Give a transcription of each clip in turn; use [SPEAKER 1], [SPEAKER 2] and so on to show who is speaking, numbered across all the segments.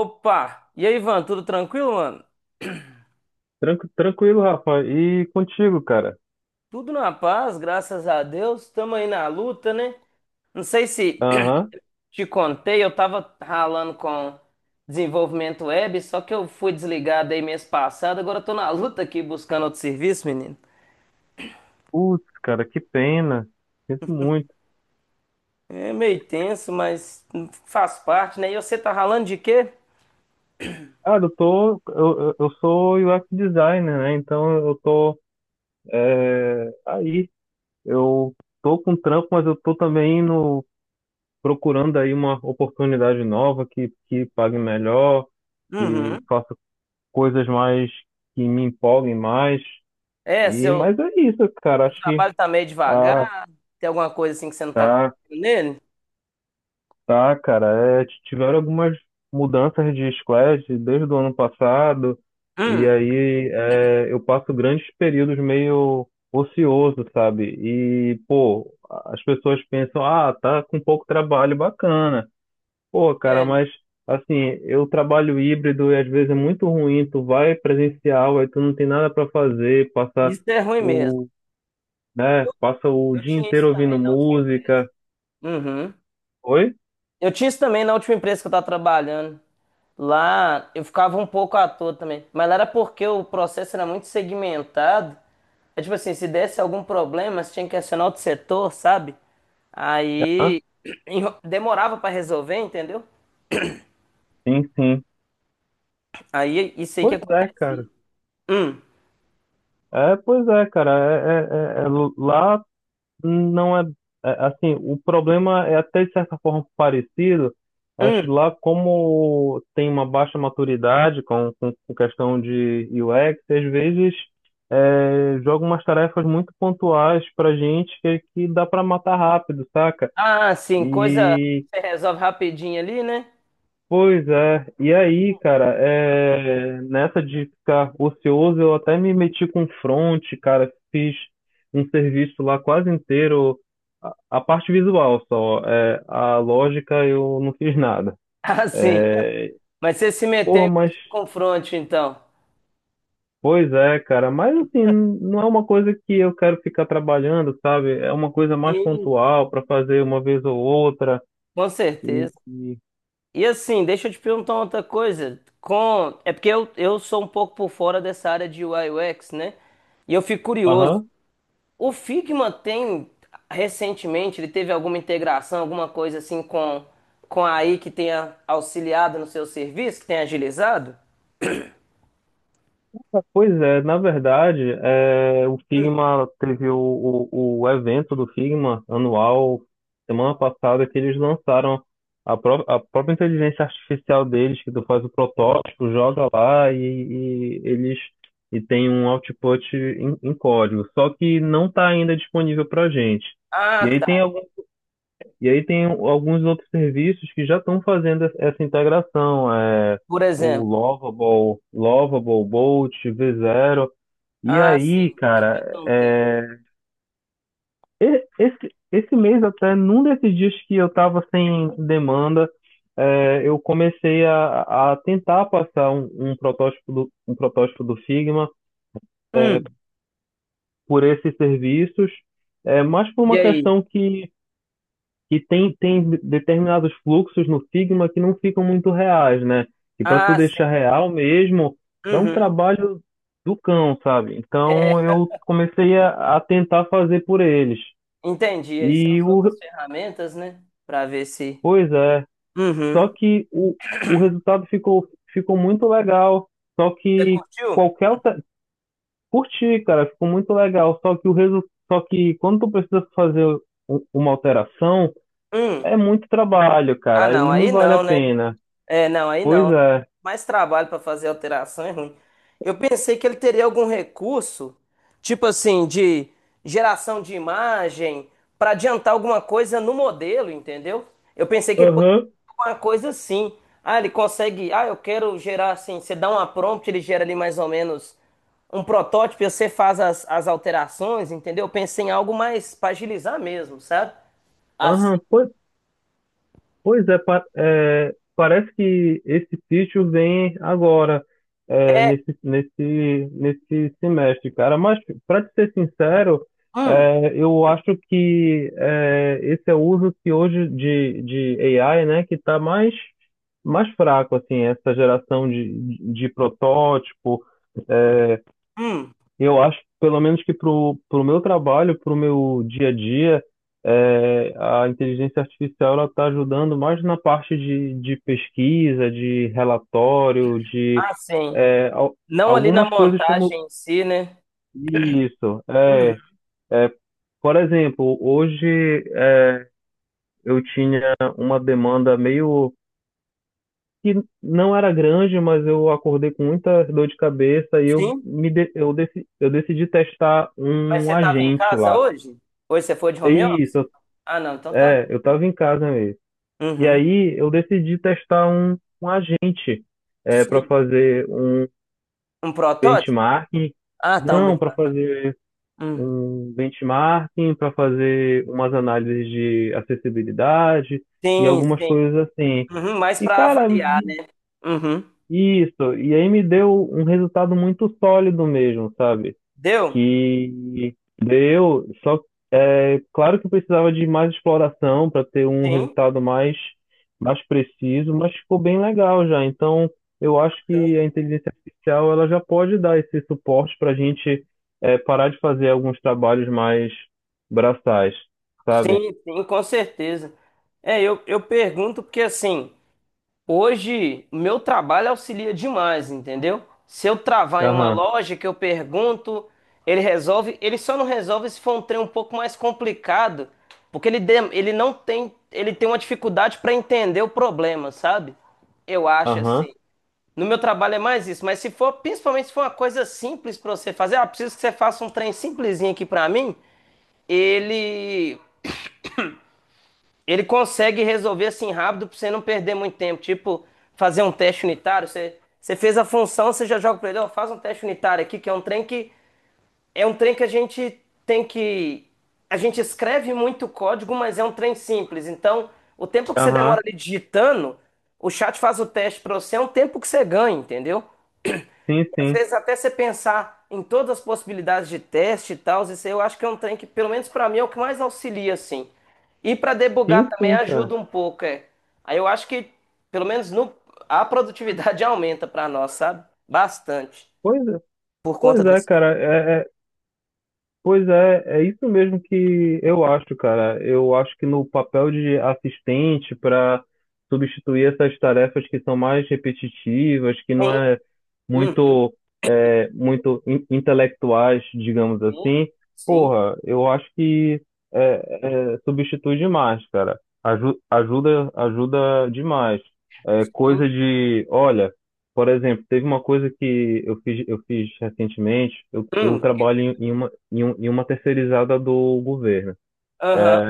[SPEAKER 1] Opa! E aí, Ivan, tudo tranquilo, mano?
[SPEAKER 2] Tranquilo, Rafa. E contigo, cara?
[SPEAKER 1] Tudo na paz, graças a Deus. Tamo aí na luta, né? Não sei se
[SPEAKER 2] Aham.
[SPEAKER 1] te contei, eu tava ralando com desenvolvimento web, só que eu fui desligado aí mês passado, agora eu tô na luta aqui buscando outro serviço, menino.
[SPEAKER 2] Putz, cara, que pena. Sinto muito.
[SPEAKER 1] É meio tenso, mas faz parte, né? E você tá ralando de quê?
[SPEAKER 2] Cara, eu tô. Eu sou UX designer, né? Então eu tô. É, aí. Eu tô com trampo, mas eu tô também no, procurando aí uma oportunidade nova que pague melhor, que
[SPEAKER 1] Uhum.
[SPEAKER 2] faça coisas mais. Que me empolguem mais.
[SPEAKER 1] É,
[SPEAKER 2] E,
[SPEAKER 1] seu
[SPEAKER 2] mas é isso, cara. Acho que.
[SPEAKER 1] trabalho tá meio
[SPEAKER 2] Ah,
[SPEAKER 1] devagar, tem alguma coisa assim que você não tá
[SPEAKER 2] tá.
[SPEAKER 1] conseguindo nele?
[SPEAKER 2] Tá, cara, é, tiveram algumas mudanças de squad desde o ano passado, e
[SPEAKER 1] Hum,
[SPEAKER 2] aí é, eu passo grandes períodos meio ocioso, sabe? E, pô, as pessoas pensam, ah, tá com pouco trabalho, bacana. Pô, cara,
[SPEAKER 1] é,
[SPEAKER 2] mas assim, eu trabalho híbrido e às vezes é muito ruim, tu vai presencial, aí tu não tem nada pra fazer,
[SPEAKER 1] isso é ruim mesmo.
[SPEAKER 2] o, né, passa o
[SPEAKER 1] Eu
[SPEAKER 2] dia
[SPEAKER 1] tinha isso
[SPEAKER 2] inteiro ouvindo
[SPEAKER 1] também na última empresa.
[SPEAKER 2] música.
[SPEAKER 1] Uhum.
[SPEAKER 2] Oi?
[SPEAKER 1] Eu tinha isso também na última empresa que eu tava trabalhando. Lá eu ficava um pouco à toa também. Mas lá era porque o processo era muito segmentado. É tipo assim, se desse algum problema, você tinha que acionar outro setor, sabe?
[SPEAKER 2] Ah,
[SPEAKER 1] Aí demorava pra resolver, entendeu?
[SPEAKER 2] sim, sim.
[SPEAKER 1] Aí isso aí que
[SPEAKER 2] Pois é, cara.
[SPEAKER 1] acontecia. Hum,
[SPEAKER 2] É, pois é, cara. É, lá não é, é, assim. O problema é até de certa forma parecido. Acho
[SPEAKER 1] hum.
[SPEAKER 2] lá como tem uma baixa maturidade com questão de UX, às vezes é, joga umas tarefas muito pontuais pra gente que dá pra matar rápido, saca?
[SPEAKER 1] Ah, sim, coisa
[SPEAKER 2] E
[SPEAKER 1] que você resolve rapidinho ali, né?
[SPEAKER 2] pois é, e aí, cara, é, nessa de ficar ocioso, eu até me meti com front, cara, fiz um serviço lá quase inteiro, a parte visual só, é, a lógica eu não fiz nada.
[SPEAKER 1] Ah, sim.
[SPEAKER 2] É,
[SPEAKER 1] Mas você se meteu em
[SPEAKER 2] porra, mas,
[SPEAKER 1] confronto, então.
[SPEAKER 2] pois é, cara, mas assim, não é uma coisa que eu quero ficar trabalhando, sabe? É uma coisa mais
[SPEAKER 1] Sim.
[SPEAKER 2] pontual para fazer uma vez ou outra,
[SPEAKER 1] Com
[SPEAKER 2] e,
[SPEAKER 1] certeza.
[SPEAKER 2] e,
[SPEAKER 1] E assim, deixa eu te perguntar outra coisa. Com... É porque eu sou um pouco por fora dessa área de UI UX, né? E eu fico curioso.
[SPEAKER 2] aham.
[SPEAKER 1] O Figma tem, recentemente, ele teve alguma integração, alguma coisa assim com a AI que tenha auxiliado no seu serviço, que tenha agilizado?
[SPEAKER 2] Pois é, na verdade, é, o Figma teve o evento do Figma anual semana passada que eles lançaram a própria inteligência artificial deles, que tu faz o protótipo, joga lá e eles e tem um output em código. Só que não está ainda disponível para gente.
[SPEAKER 1] Ah,
[SPEAKER 2] E aí
[SPEAKER 1] tá.
[SPEAKER 2] tem e aí tem um, alguns outros serviços que já estão fazendo essa integração, é,
[SPEAKER 1] Por
[SPEAKER 2] o
[SPEAKER 1] exemplo.
[SPEAKER 2] Lovable, Bolt, V0. E
[SPEAKER 1] Ah,
[SPEAKER 2] aí,
[SPEAKER 1] sim. Que já
[SPEAKER 2] cara,
[SPEAKER 1] estão tendo.
[SPEAKER 2] é, esse mês até, num desses dias que eu estava sem demanda, é, eu comecei a tentar passar um protótipo do Figma
[SPEAKER 1] Hum.
[SPEAKER 2] por esses serviços, é, mas por
[SPEAKER 1] E
[SPEAKER 2] uma
[SPEAKER 1] aí?
[SPEAKER 2] questão que tem determinados fluxos no Figma que não ficam muito reais, né? E para tu
[SPEAKER 1] Ah, sim.
[SPEAKER 2] deixar real mesmo, dá um
[SPEAKER 1] Uhum.
[SPEAKER 2] trabalho do cão, sabe?
[SPEAKER 1] É,
[SPEAKER 2] Então eu comecei a tentar fazer por eles.
[SPEAKER 1] entendi. Aí são
[SPEAKER 2] E
[SPEAKER 1] as
[SPEAKER 2] o,
[SPEAKER 1] outras ferramentas, né? Pra ver se.
[SPEAKER 2] pois é,
[SPEAKER 1] Uhum.
[SPEAKER 2] só que o resultado ficou muito legal. Só
[SPEAKER 1] Você
[SPEAKER 2] que
[SPEAKER 1] curtiu?
[SPEAKER 2] qualquer alter- Curti, cara, ficou muito legal. Só que quando tu precisa fazer uma alteração,
[SPEAKER 1] Hum.
[SPEAKER 2] é muito trabalho,
[SPEAKER 1] Ah,
[SPEAKER 2] cara,
[SPEAKER 1] não,
[SPEAKER 2] e não
[SPEAKER 1] aí
[SPEAKER 2] vale a
[SPEAKER 1] não, né?
[SPEAKER 2] pena.
[SPEAKER 1] É, não, aí
[SPEAKER 2] Pois
[SPEAKER 1] não.
[SPEAKER 2] é.
[SPEAKER 1] Mais trabalho para fazer alteração é ruim. Eu pensei que ele teria algum recurso, tipo assim, de geração de imagem, para adiantar alguma coisa no modelo, entendeu? Eu pensei que ele poderia
[SPEAKER 2] Aham.
[SPEAKER 1] fazer alguma coisa assim. Ah, ele consegue. Ah, eu quero gerar assim. Você dá uma prompt, ele gera ali mais ou menos um protótipo, e você faz as alterações, entendeu? Eu pensei em algo mais para agilizar mesmo, sabe? Assim.
[SPEAKER 2] Aham. Pois é, parece que esse sítio vem agora, é,
[SPEAKER 1] É.
[SPEAKER 2] nesse semestre, cara. Mas, para te ser sincero,
[SPEAKER 1] Hum.
[SPEAKER 2] é, eu acho que é, esse é o uso que hoje de AI, né, que está mais fraco, assim, essa geração de protótipo. É,
[SPEAKER 1] Hum,
[SPEAKER 2] eu acho, pelo menos que pro meu trabalho, pro meu dia a dia, é, a inteligência artificial ela está ajudando mais na parte de pesquisa, de relatório, de
[SPEAKER 1] ah, sim.
[SPEAKER 2] é, al-
[SPEAKER 1] Não ali na
[SPEAKER 2] algumas coisas como
[SPEAKER 1] montagem em si, né?
[SPEAKER 2] isso.
[SPEAKER 1] Uhum,
[SPEAKER 2] É, por exemplo, hoje é, eu tinha uma demanda meio que não era grande, mas eu acordei com muita dor de cabeça e eu
[SPEAKER 1] sim.
[SPEAKER 2] me de- eu, deci- eu decidi testar
[SPEAKER 1] Mas você
[SPEAKER 2] um
[SPEAKER 1] estava em
[SPEAKER 2] agente
[SPEAKER 1] casa
[SPEAKER 2] lá.
[SPEAKER 1] hoje? Hoje você foi de home office?
[SPEAKER 2] Isso,
[SPEAKER 1] Ah, não, então tá bom.
[SPEAKER 2] eu tava em casa mesmo. E
[SPEAKER 1] Uhum.
[SPEAKER 2] aí eu decidi testar um agente para
[SPEAKER 1] Sim.
[SPEAKER 2] fazer um
[SPEAKER 1] Um protótipo?
[SPEAKER 2] benchmarking.
[SPEAKER 1] Ah, tá, um
[SPEAKER 2] Não, para
[SPEAKER 1] benchmark.
[SPEAKER 2] fazer
[SPEAKER 1] Hum.
[SPEAKER 2] um benchmarking, para fazer umas análises de acessibilidade e
[SPEAKER 1] Sim,
[SPEAKER 2] algumas
[SPEAKER 1] sim.
[SPEAKER 2] coisas assim.
[SPEAKER 1] Uhum, mas
[SPEAKER 2] E
[SPEAKER 1] para
[SPEAKER 2] cara,
[SPEAKER 1] avaliar, né? Uhum.
[SPEAKER 2] isso, e aí me deu um resultado muito sólido mesmo, sabe?
[SPEAKER 1] Deu?
[SPEAKER 2] Que deu, só é claro que precisava de mais exploração para ter um
[SPEAKER 1] Sim.
[SPEAKER 2] resultado mais preciso, mas ficou bem legal já. Então, eu acho que
[SPEAKER 1] Bacana.
[SPEAKER 2] a inteligência artificial ela já pode dar esse suporte para a gente é, parar de fazer alguns trabalhos mais braçais, sabe?
[SPEAKER 1] Sim, sim, com certeza. É, eu pergunto porque assim. Hoje, meu trabalho auxilia demais, entendeu? Se eu travar em uma
[SPEAKER 2] Aham,
[SPEAKER 1] loja que eu pergunto, ele resolve. Ele só não resolve se for um trem um pouco mais complicado, porque ele, ele não tem, ele tem uma dificuldade para entender o problema, sabe? Eu acho
[SPEAKER 2] aham,
[SPEAKER 1] assim. No meu trabalho é mais isso, mas se for, principalmente se for uma coisa simples para você fazer, ah, preciso que você faça um trem simplesinho aqui para mim ele ele consegue resolver assim rápido pra você não perder muito tempo. Tipo, fazer um teste unitário. Você fez a função, você já joga pra ele, ó, faz um teste unitário aqui, que é um trem que. É um trem que a gente tem que. A gente escreve muito código, mas é um trem simples. Então, o tempo que você
[SPEAKER 2] aham.
[SPEAKER 1] demora ali digitando, o chat faz o teste pra você, é um tempo que você ganha, entendeu?
[SPEAKER 2] Sim,
[SPEAKER 1] Às
[SPEAKER 2] sim.
[SPEAKER 1] vezes até você pensar em todas as possibilidades de teste e tal, isso aí eu acho que é um trem que, pelo menos pra mim, é o que mais auxilia, assim. E pra debugar
[SPEAKER 2] Sim,
[SPEAKER 1] também
[SPEAKER 2] sim, cara.
[SPEAKER 1] ajuda um pouco, é. Aí eu acho que, pelo menos no, a produtividade aumenta pra nós, sabe? Bastante.
[SPEAKER 2] Pois é,
[SPEAKER 1] Por conta
[SPEAKER 2] pois
[SPEAKER 1] das...
[SPEAKER 2] é, cara. É, pois é, é isso mesmo que eu acho, cara. Eu acho que no papel de assistente para substituir essas tarefas que são mais repetitivas, que não
[SPEAKER 1] Sim,
[SPEAKER 2] é
[SPEAKER 1] uhum,
[SPEAKER 2] muito, é, muito intelectuais, digamos
[SPEAKER 1] sim,
[SPEAKER 2] assim,
[SPEAKER 1] sim,
[SPEAKER 2] porra, eu acho que é, substitui demais, cara. Ajuda demais. É,
[SPEAKER 1] sim.
[SPEAKER 2] coisa de, olha. Por exemplo, teve uma coisa que eu fiz recentemente. Eu
[SPEAKER 1] Hum,
[SPEAKER 2] trabalho em uma terceirizada do governo. É,
[SPEAKER 1] aham.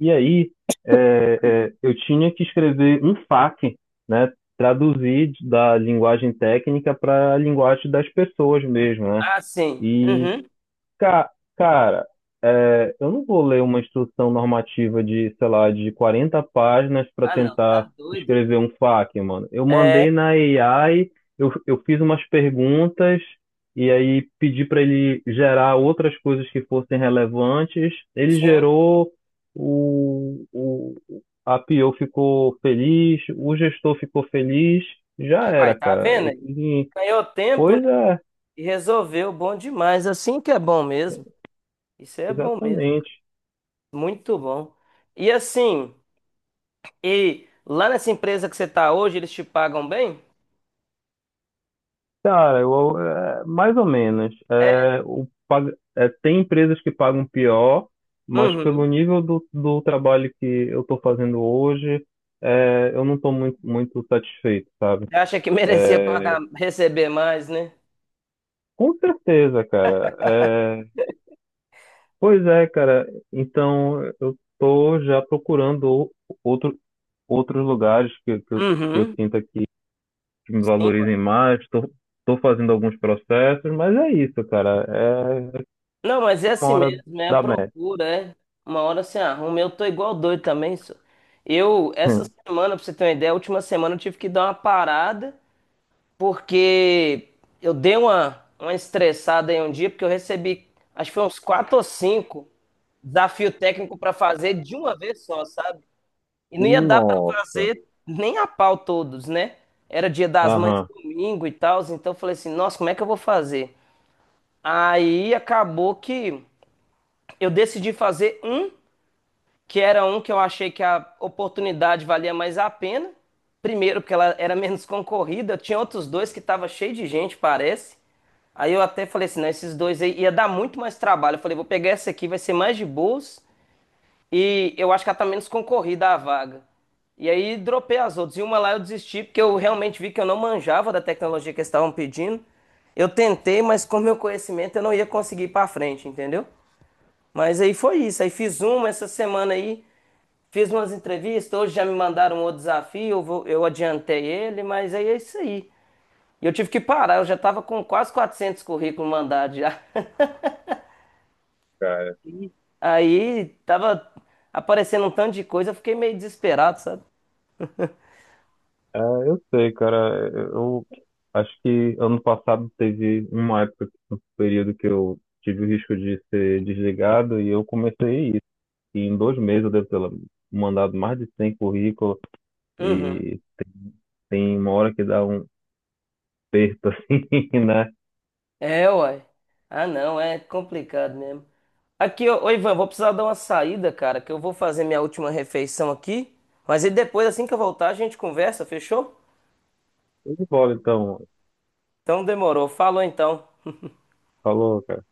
[SPEAKER 2] e aí, é, é, eu tinha que escrever um FAQ, né? Traduzir da linguagem técnica para a linguagem das pessoas mesmo, né?
[SPEAKER 1] Ah, sim. Uhum.
[SPEAKER 2] Ca- Cara, é, eu não vou ler uma instrução normativa de, sei lá, de 40 páginas para
[SPEAKER 1] Ah, não,
[SPEAKER 2] tentar
[SPEAKER 1] tá doido. Hein?
[SPEAKER 2] escrever um FAQ, mano. Eu
[SPEAKER 1] É,
[SPEAKER 2] mandei na AI, eu fiz umas perguntas e aí pedi para ele gerar outras coisas que fossem relevantes. Ele
[SPEAKER 1] sim.
[SPEAKER 2] gerou, o, o, a PO ficou feliz, o gestor ficou feliz, já
[SPEAKER 1] Vai,
[SPEAKER 2] era,
[SPEAKER 1] tá
[SPEAKER 2] cara.
[SPEAKER 1] vendo
[SPEAKER 2] Eu
[SPEAKER 1] aí?
[SPEAKER 2] fiz em...
[SPEAKER 1] Ganhou tempo,
[SPEAKER 2] Pois é,
[SPEAKER 1] e resolveu, bom demais. Assim que é bom mesmo. Isso é bom mesmo,
[SPEAKER 2] exatamente.
[SPEAKER 1] muito bom. E assim, e lá nessa empresa que você tá hoje, eles te pagam bem?
[SPEAKER 2] Cara, eu, é, mais ou menos.
[SPEAKER 1] É.
[SPEAKER 2] É, tem empresas que pagam pior, mas pelo
[SPEAKER 1] Uhum.
[SPEAKER 2] nível do trabalho que eu estou fazendo hoje, é, eu não estou muito satisfeito, sabe?
[SPEAKER 1] Você acha que merecia pagar,
[SPEAKER 2] É,
[SPEAKER 1] receber mais, né?
[SPEAKER 2] com certeza, cara. É, pois é, cara. Então, eu estou já procurando outro, outros lugares que eu
[SPEAKER 1] Uhum.
[SPEAKER 2] sinta que me
[SPEAKER 1] Sim.
[SPEAKER 2] valorizem mais. Estou fazendo alguns processos, mas é isso, cara. É,
[SPEAKER 1] Não, mas é
[SPEAKER 2] uma
[SPEAKER 1] assim
[SPEAKER 2] hora
[SPEAKER 1] mesmo, é a
[SPEAKER 2] da média.
[SPEAKER 1] procura, é. Uma hora você arruma. Eu tô igual doido também, só. Eu, essa semana, pra você ter uma ideia, a última semana eu tive que dar uma parada porque eu dei uma estressada em um dia, porque eu recebi, acho que foi uns quatro ou cinco desafio técnico para fazer de uma vez só, sabe? E não ia dar para
[SPEAKER 2] Nossa.
[SPEAKER 1] fazer nem a pau todos, né? Era dia das mães
[SPEAKER 2] Aham.
[SPEAKER 1] domingo e tal, então eu falei assim, nossa, como é que eu vou fazer? Aí acabou que eu decidi fazer um que era um que eu achei que a oportunidade valia mais a pena. Primeiro, porque ela era menos concorrida, tinha outros dois que tava cheio de gente, parece. Aí eu até falei assim, não, esses dois aí ia dar muito mais trabalho. Eu falei, vou pegar essa aqui, vai ser mais de boas. E eu acho que ela tá menos concorrida a vaga. E aí dropei as outras. E uma lá eu desisti, porque eu realmente vi que eu não manjava da tecnologia que eles estavam pedindo. Eu tentei, mas com meu conhecimento eu não ia conseguir ir pra frente, entendeu? Mas aí foi isso. Aí fiz uma essa semana aí. Fiz umas entrevistas, hoje já me mandaram outro desafio, eu adiantei ele, mas aí é isso aí. E eu tive que parar, eu já estava com quase 400 currículos mandados já.
[SPEAKER 2] Cara.
[SPEAKER 1] Aí tava aparecendo um tanto de coisa, eu fiquei meio desesperado, sabe?
[SPEAKER 2] É, eu sei, cara. Eu acho que ano passado teve uma época, um período que eu tive o risco de ser desligado e eu comecei isso. E em 2 meses eu devo ter mandado mais de 100 currículos
[SPEAKER 1] Uhum.
[SPEAKER 2] e tem uma hora que dá um aperto assim, né?
[SPEAKER 1] É, uai. Ah, não, é complicado mesmo. Aqui, ô, ô, Ivan, vou precisar dar uma saída, cara, que eu vou fazer minha última refeição aqui. Mas e depois, assim que eu voltar, a gente conversa, fechou?
[SPEAKER 2] Eu de bola, então.
[SPEAKER 1] Então demorou. Falou então.
[SPEAKER 2] Falou, cara.